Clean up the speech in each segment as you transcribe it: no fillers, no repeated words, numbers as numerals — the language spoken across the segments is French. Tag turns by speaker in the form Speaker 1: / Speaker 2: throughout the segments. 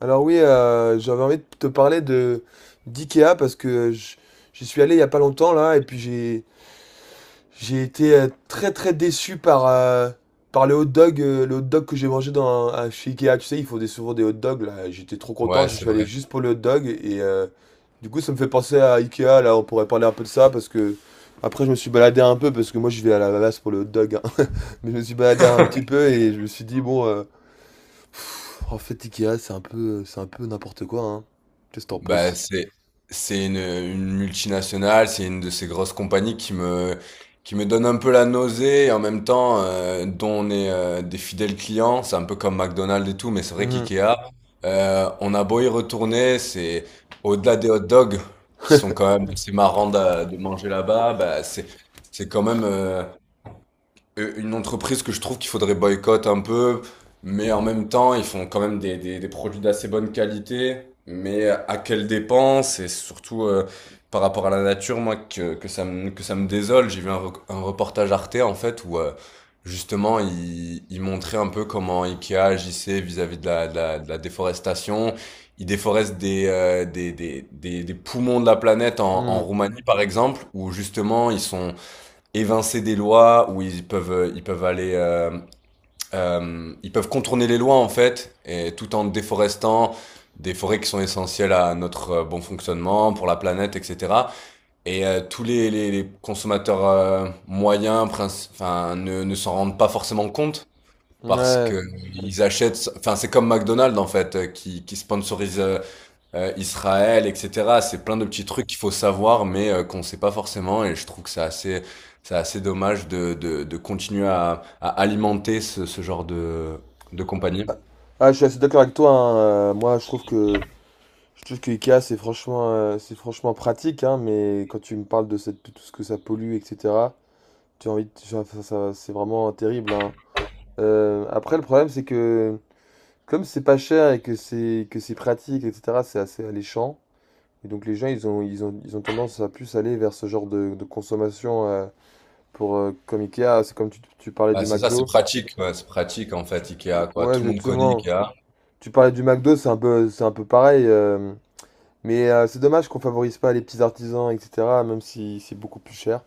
Speaker 1: Alors oui, j'avais envie de te parler de d'IKEA parce que j'y suis allé il y a pas longtemps là et puis j'ai été très très déçu par par le hot dog que j'ai mangé chez IKEA. Tu sais, ils font des, souvent des hot dogs là. J'étais trop content,
Speaker 2: Ouais,
Speaker 1: je
Speaker 2: c'est
Speaker 1: suis allé
Speaker 2: vrai.
Speaker 1: juste pour le hot dog et du coup ça me fait penser à IKEA là. On pourrait parler un peu de ça parce que après je me suis baladé un peu parce que moi je vais à la base pour le hot dog, hein. Mais je me suis baladé un petit peu et je me suis dit bon. En fait, Ikea, c'est un peu n'importe quoi, hein. Qu'est-ce que t'en
Speaker 2: Bah,
Speaker 1: penses?
Speaker 2: c'est une multinationale, c'est une de ces grosses compagnies qui me donne un peu la nausée et en même temps, dont on est, des fidèles clients. C'est un peu comme McDonald's et tout, mais c'est vrai
Speaker 1: Mhm,
Speaker 2: qu'IKEA, on a beau y retourner, c'est au-delà des hot dogs qui sont quand même assez marrants de manger là-bas. Bah, c'est quand même, une entreprise que je trouve qu'il faudrait boycotter un peu, mais en même temps, ils font quand même des produits d'assez bonne qualité, mais à quelle dépense et surtout, par rapport à la nature, moi, que ça me désole. J'ai vu un reportage Arte, en fait, où, justement, il montrait un peu comment Ikea agissait vis-à-vis de la déforestation. Il déforeste des poumons de la planète en
Speaker 1: mhm,
Speaker 2: Roumanie, par exemple, où justement, ils sont évincer des lois où ils peuvent aller, ils peuvent contourner les lois en fait et tout en déforestant des forêts qui sont essentielles à notre, bon fonctionnement pour la planète etc. Et, tous les consommateurs, moyens, enfin, ne s'en rendent pas forcément compte parce que
Speaker 1: ouais.
Speaker 2: ils achètent, enfin, c'est comme McDonald's, en fait, qui sponsorise, Israël et cetera. C'est plein de petits trucs qu'il faut savoir, mais, qu'on sait pas forcément, et je trouve que c'est assez, c'est assez dommage de de continuer à alimenter ce genre de compagnie.
Speaker 1: Ah, ah, je suis assez d'accord avec toi, hein. Moi, je trouve que Ikea, c'est franchement pratique, hein, mais quand tu me parles de, cette, de tout ce que ça pollue, etc., tu as envie ça, c'est vraiment terrible, hein. Après, le problème, c'est que comme c'est pas cher et que c'est pratique, etc., c'est assez alléchant. Et donc les gens, ils ont, ils ont, ils ont tendance à plus aller vers ce genre de consommation. Pour comme Ikea, c'est comme tu parlais du
Speaker 2: Bah, c'est ça, c'est
Speaker 1: McDo.
Speaker 2: pratique, ouais, c'est pratique, en
Speaker 1: Tu-
Speaker 2: fait, IKEA, quoi.
Speaker 1: ouais,
Speaker 2: Tout le monde connaît
Speaker 1: exactement.
Speaker 2: IKEA.
Speaker 1: Tu parlais du McDo, c'est un peu pareil. Mais c'est dommage qu'on favorise pas les petits artisans, etc. Même si c'est beaucoup plus cher.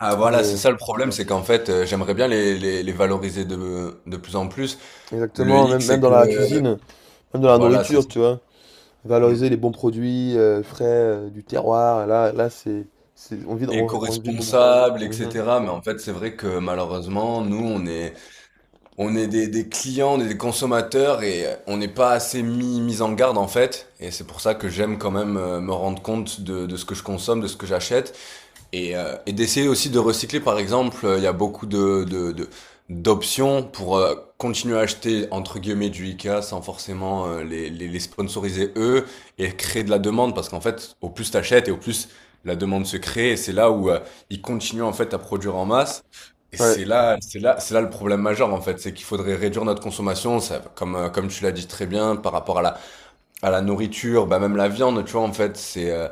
Speaker 2: Ah, voilà, c'est
Speaker 1: Mais
Speaker 2: ça le problème, c'est qu'en fait, j'aimerais bien les valoriser de plus en plus. Le
Speaker 1: exactement,
Speaker 2: hic,
Speaker 1: même,
Speaker 2: c'est
Speaker 1: même dans la
Speaker 2: que
Speaker 1: cuisine, même dans la
Speaker 2: voilà, c'est
Speaker 1: nourriture,
Speaker 2: ça.
Speaker 1: tu vois. Valoriser les bons produits frais du terroir. Là, là, c'est, on vit de moins.
Speaker 2: Éco-responsable,
Speaker 1: Mhm.
Speaker 2: etc. Mais en fait, c'est vrai que malheureusement, nous, on est des clients, on est des consommateurs et on n'est pas assez mis en garde, en fait. Et c'est pour ça que j'aime quand même, me rendre compte de ce que je consomme, de ce que j'achète. Et d'essayer aussi de recycler, par exemple. Il y a beaucoup d'options pour, continuer à acheter, entre guillemets, du IKEA sans forcément, les sponsoriser eux et créer de la demande, parce qu'en fait, au plus t'achètes et au plus la demande se crée, et c'est là où, ils continuent en fait à produire en masse. Et
Speaker 1: Ouais,
Speaker 2: c'est là le problème majeur en fait, c'est qu'il faudrait réduire notre consommation, ça, comme tu l'as dit très bien, par rapport à la nourriture, bah même la viande, tu vois, en fait,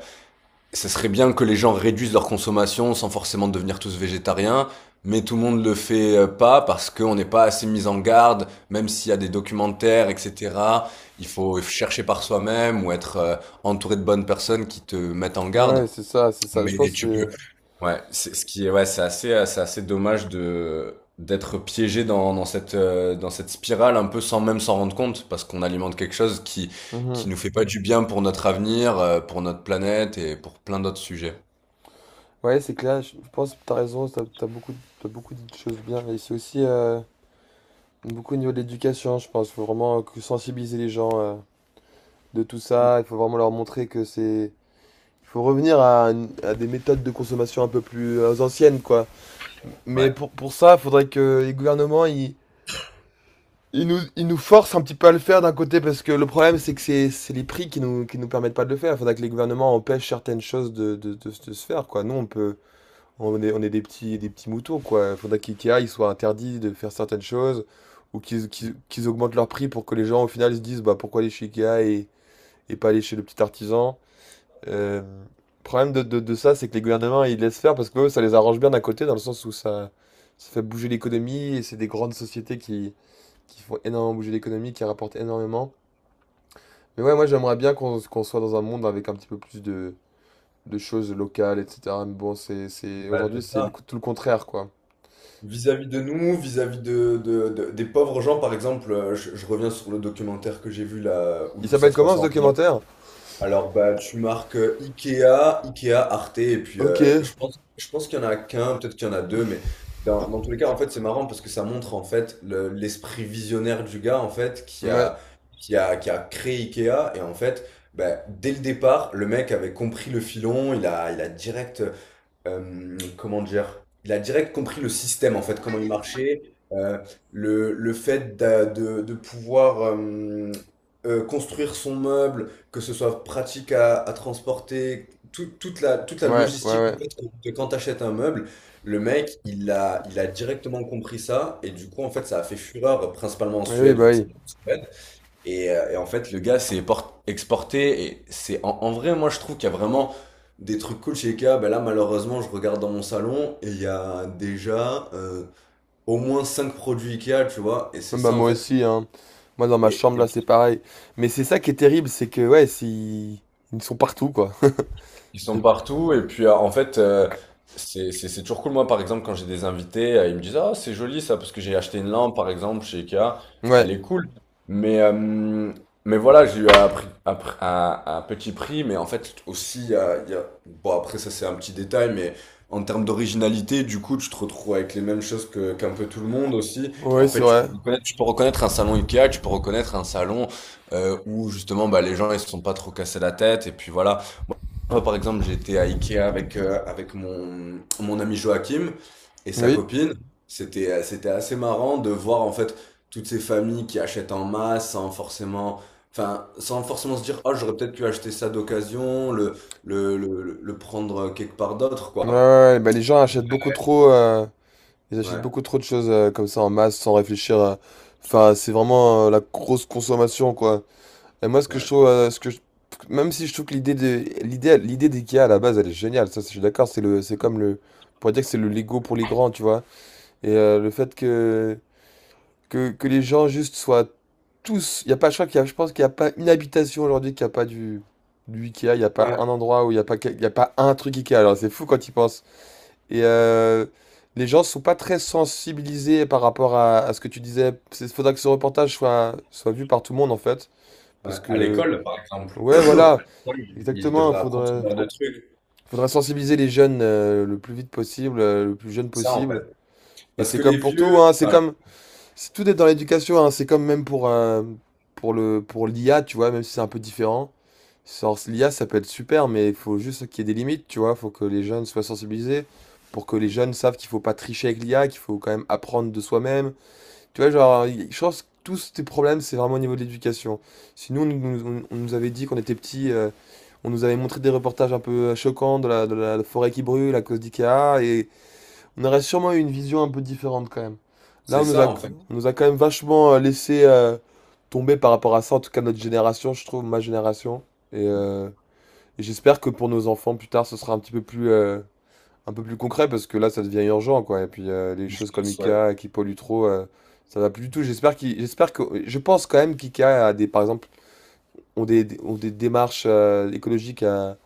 Speaker 2: ce serait bien que les gens réduisent leur consommation sans forcément devenir tous végétariens, mais tout le monde le fait, pas, parce qu'on n'est pas assez mis en garde, même s'il y a des documentaires, etc. Il faut chercher par soi-même ou être, entouré de bonnes personnes qui te mettent en garde.
Speaker 1: ouais, c'est ça, c'est ça. Je
Speaker 2: Mais
Speaker 1: pense
Speaker 2: tu peux.
Speaker 1: que
Speaker 2: Ouais, c'est ce qui est ouais, c'est assez, c'est assez dommage de d'être piégé dans cette, dans cette spirale un peu, sans même s'en rendre compte, parce qu'on alimente quelque chose qui
Speaker 1: c'est.
Speaker 2: qui
Speaker 1: Mhm.
Speaker 2: nous fait pas du bien pour notre avenir, pour notre planète et pour plein d'autres sujets.
Speaker 1: Ouais, c'est clair, je pense que t'as raison, t'as, t'as beaucoup dit de choses bien. Et c'est aussi beaucoup au niveau de l'éducation, je pense. Il faut vraiment que sensibiliser les gens de tout
Speaker 2: Mm.
Speaker 1: ça. Il faut vraiment leur montrer que c'est. Il faut revenir à, à des méthodes de consommation un peu plus anciennes, quoi. Mais
Speaker 2: Ouais.
Speaker 1: pour ça, il faudrait que les gouvernements, ils, ils nous forcent un petit peu à le faire d'un côté, parce que le problème, c'est que c'est les prix qui nous permettent pas de le faire. Il faudrait que les gouvernements empêchent certaines choses de, de se faire, quoi. Nous, on peut. On est des petits moutons, quoi. Il faudrait qu'IKEA il soit interdit de faire certaines choses ou qu'ils
Speaker 2: Mm.
Speaker 1: qu'ils augmentent leur prix pour que les gens, au final, se disent bah, pourquoi aller chez IKEA et pas aller chez le petit artisan. Euh, Problème de ça, c'est que les gouvernements, ils laissent faire parce que eux, ça les arrange bien d'un côté, dans le sens où ça fait bouger l'économie et c'est des grandes sociétés qui font énormément bouger l'économie, qui rapportent énormément. Mais ouais, moi, j'aimerais bien qu'on soit dans un monde avec un petit peu plus de choses locales, etc. Mais bon, c'est,
Speaker 2: Bah,
Speaker 1: aujourd'hui,
Speaker 2: c'est
Speaker 1: c'est
Speaker 2: ça.
Speaker 1: tout le contraire, quoi.
Speaker 2: Vis-à-vis de nous, vis-à-vis des pauvres gens, par exemple. Je reviens sur le documentaire que j'ai vu là où,
Speaker 1: Il
Speaker 2: où ça
Speaker 1: s'appelle
Speaker 2: se
Speaker 1: comment
Speaker 2: passe
Speaker 1: ce
Speaker 2: en.
Speaker 1: documentaire?
Speaker 2: Alors bah tu marques, Ikea, Ikea, Arte, et puis,
Speaker 1: Ok. Ouais.
Speaker 2: je pense qu'il y en a qu'un, peut-être qu'il y en a deux. Mais dans tous les cas, en fait, c'est marrant parce que ça montre en fait l'esprit visionnaire du gars en fait qui
Speaker 1: Ouais,
Speaker 2: a qui a qui a créé Ikea. Et en fait, bah, dès le départ le mec avait compris le filon, il a direct, comment dire? Il a direct compris le système en fait, comment il marchait. heu, le fait d'a de pouvoir, construire son meuble, que ce soit pratique à transporter, toute la
Speaker 1: ouais,
Speaker 2: logistique
Speaker 1: ouais.
Speaker 2: en fait, que quand tu achètes un meuble, le mec il a directement compris ça. Et du coup, en fait, ça a fait fureur, principalement en
Speaker 1: Oui, oui,
Speaker 2: Suède
Speaker 1: bah
Speaker 2: vu que ça.
Speaker 1: oui.
Speaker 2: Et en fait, le gars s'est exporté. Et c'est, en vrai, moi, je trouve qu'il y a vraiment des trucs cool chez IKEA. Ben là, malheureusement, je regarde dans mon salon et il y a déjà, au moins 5 produits IKEA, tu vois. Et c'est
Speaker 1: Ouais, bah
Speaker 2: ça, en
Speaker 1: moi
Speaker 2: fait.
Speaker 1: aussi, hein. Moi dans ma
Speaker 2: Et
Speaker 1: chambre là, c'est pareil. Mais c'est ça qui est terrible, c'est que ouais, ils sont partout quoi.
Speaker 2: ils sont
Speaker 1: Et-
Speaker 2: partout, et puis, en fait, c'est toujours cool, moi par exemple quand j'ai des invités, ils me disent ah c'est joli ça, parce que j'ai acheté une lampe par exemple chez Ikea, elle
Speaker 1: Ouais,
Speaker 2: est cool, mais, mais voilà, j'ai eu à, prix- à pr- à petit prix. Mais en fait aussi, bon, après, ça c'est un petit détail, mais en termes d'originalité, du coup tu te retrouves avec les mêmes choses que qu'un peu tout le monde aussi, et
Speaker 1: ouais,
Speaker 2: en
Speaker 1: c'est
Speaker 2: fait
Speaker 1: vrai.
Speaker 2: tu peux reconnaître un salon Ikea, tu peux reconnaître un salon, où justement bah, les gens ils se sont pas trop cassés la tête, et puis voilà. Moi, par exemple, j'étais à Ikea avec mon ami Joachim et sa
Speaker 1: Oui.
Speaker 2: copine. Mhm. C'était assez marrant de voir en fait toutes ces familles qui achètent en masse, sans forcément, enfin, sans forcément se dire, oh, j'aurais peut-être pu acheter ça d'occasion, le prendre quelque part d'autre,
Speaker 1: Ouais, ouais,
Speaker 2: quoi.
Speaker 1: ouais. Bah les gens achètent beaucoup trop, ils achètent
Speaker 2: Ouais,
Speaker 1: beaucoup trop de choses comme ça en masse sans réfléchir. Enfin, c'est vraiment la grosse consommation quoi. Et moi, ce que je
Speaker 2: ouais.
Speaker 1: trouve, ce que même si je trouve que l'idée de l'idée l'idée d'IKEA à la base, elle est géniale. Ça, je suis d'accord. C'est le, c'est comme le, on pourrait dire que c'est le Lego pour les grands, tu vois. Et le fait que les gens juste soient tous, il y a pas, je crois qu'il y a, je pense qu'il y a pas une habitation aujourd'hui qui a pas du IKEA. Il y a pas
Speaker 2: Ouais.
Speaker 1: un endroit où il y a pas, il y a pas un truc IKEA. Alors c'est fou quand ils pensent. Et les gens sont pas très sensibilisés par rapport à ce que tu disais. Il faudra que ce reportage soit soit vu par tout le monde en fait,
Speaker 2: Ouais.
Speaker 1: parce
Speaker 2: À
Speaker 1: que
Speaker 2: l'école, par exemple,
Speaker 1: ouais, voilà.
Speaker 2: ils
Speaker 1: Exactement, il
Speaker 2: devraient apprendre ce
Speaker 1: faudrait,
Speaker 2: genre de trucs.
Speaker 1: faudrait sensibiliser les jeunes le plus vite possible, le plus jeune
Speaker 2: C'est ça, en fait.
Speaker 1: possible. Et
Speaker 2: Parce
Speaker 1: c'est
Speaker 2: que les
Speaker 1: comme pour tout,
Speaker 2: vieux,
Speaker 1: hein, c'est
Speaker 2: enfin,
Speaker 1: comme, c'est tout est dans l'éducation, hein, c'est comme même pour le, pour l'IA, tu vois, même si c'est un peu différent. Sans l'IA, ça peut être super, mais il faut juste qu'il y ait des limites, tu vois. Il faut que les jeunes soient sensibilisés, pour que les jeunes savent qu'il faut pas tricher avec l'IA, qu'il faut quand même apprendre de soi-même, tu vois, genre, je pense que tous tes problèmes, c'est vraiment au niveau de l'éducation. Si nous, on, nous on nous avait dit qu'on était petits, on nous avait montré des reportages un peu choquants de la forêt qui brûle à cause d'IKEA, et on aurait sûrement eu une vision un peu différente quand même. Là,
Speaker 2: c'est ça, en fait.
Speaker 1: on nous a quand même vachement laissé tomber par rapport à ça, en tout cas notre génération, je trouve, ma génération. Et, euh, et j'espère que pour nos enfants, plus tard, ce sera un petit peu plus, un peu plus concret parce que là ça devient urgent quoi et puis les
Speaker 2: Je
Speaker 1: choses
Speaker 2: leur
Speaker 1: comme
Speaker 2: souhaite.
Speaker 1: Ikea qui polluent trop ça va plus du tout. J'espère qu'il j'espère que je pense quand même qu'Ikea a des par exemple ont des ont des démarches écologiques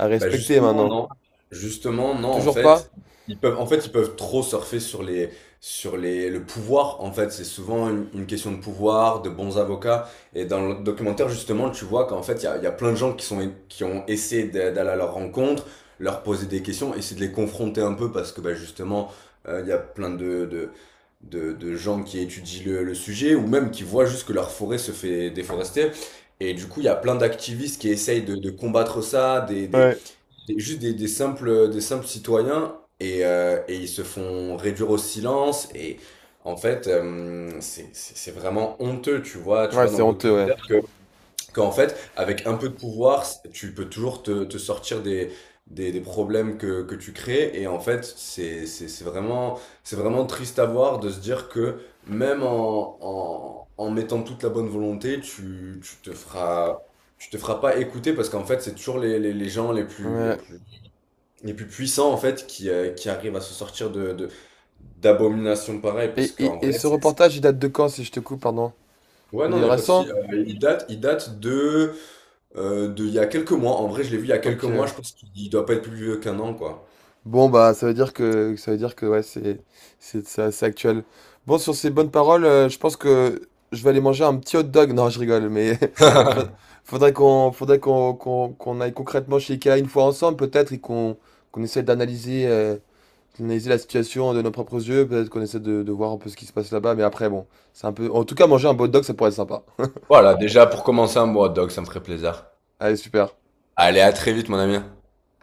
Speaker 1: à
Speaker 2: Bah
Speaker 1: respecter
Speaker 2: justement,
Speaker 1: maintenant
Speaker 2: non. Justement non, en
Speaker 1: toujours pas.
Speaker 2: fait, ils peuvent trop surfer sur les, sur les le pouvoir, en fait, c'est souvent une question de pouvoir, de bons avocats. Et dans le documentaire, justement, tu vois qu'en fait il y a plein de gens qui ont essayé d'aller à leur rencontre, leur poser des questions, essayer de les confronter un peu, parce que bah justement, il y a plein de gens qui étudient le sujet, ou même qui voient juste que leur forêt se fait déforester. Et du coup, il y a plein d'activistes qui essayent de combattre ça,
Speaker 1: Ouais.
Speaker 2: des- juste des simples citoyens. Et ils se font réduire au silence, et en fait, c'est vraiment honteux, tu vois tu
Speaker 1: Ouais
Speaker 2: vois dans
Speaker 1: c'est
Speaker 2: le
Speaker 1: honteux ouais
Speaker 2: documentaire que qu'en fait avec un peu de pouvoir, tu peux toujours te sortir des problèmes que tu crées. Et en fait, c'est vraiment triste à voir, de se dire que, même en mettant toute la bonne volonté, tu te feras pas écouter, parce qu'en fait c'est toujours les gens les plus les
Speaker 1: ouais.
Speaker 2: plus les plus puissants en fait qui arrivent à se sortir de d'abominations pareilles, parce
Speaker 1: Et,
Speaker 2: qu'en
Speaker 1: et
Speaker 2: vrai
Speaker 1: ce
Speaker 2: c'est.
Speaker 1: reportage il date de quand si je te coupe pardon,
Speaker 2: Ouais
Speaker 1: il
Speaker 2: non, il
Speaker 1: est
Speaker 2: n'y a pas de souci.
Speaker 1: récent.
Speaker 2: Il date de, il y a quelques mois, en vrai je l'ai vu il y a quelques
Speaker 1: Ok.
Speaker 2: mois, je pense qu'il doit pas être plus vieux qu'un an, quoi.
Speaker 1: Bon, bah, ça veut dire que, ça veut dire que, ouais, c'est assez actuel. Bon, sur ces bonnes paroles, je pense que je vais aller manger un petit hot dog. Non, je rigole, mais fa- faudrait qu'on, qu'on, qu'on aille concrètement chez Ikea une fois ensemble, peut-être, et qu'on, qu'on essaie d'analyser, d'analyser la situation de nos propres yeux. Peut-être qu'on essaie de voir un peu ce qui se passe là-bas, mais après, bon, c'est un peu, en tout cas, manger un hot dog, ça pourrait être sympa.
Speaker 2: Voilà, déjà pour commencer un bon hot dog, ça me ferait plaisir.
Speaker 1: Allez, super.
Speaker 2: Allez, à très vite, mon ami.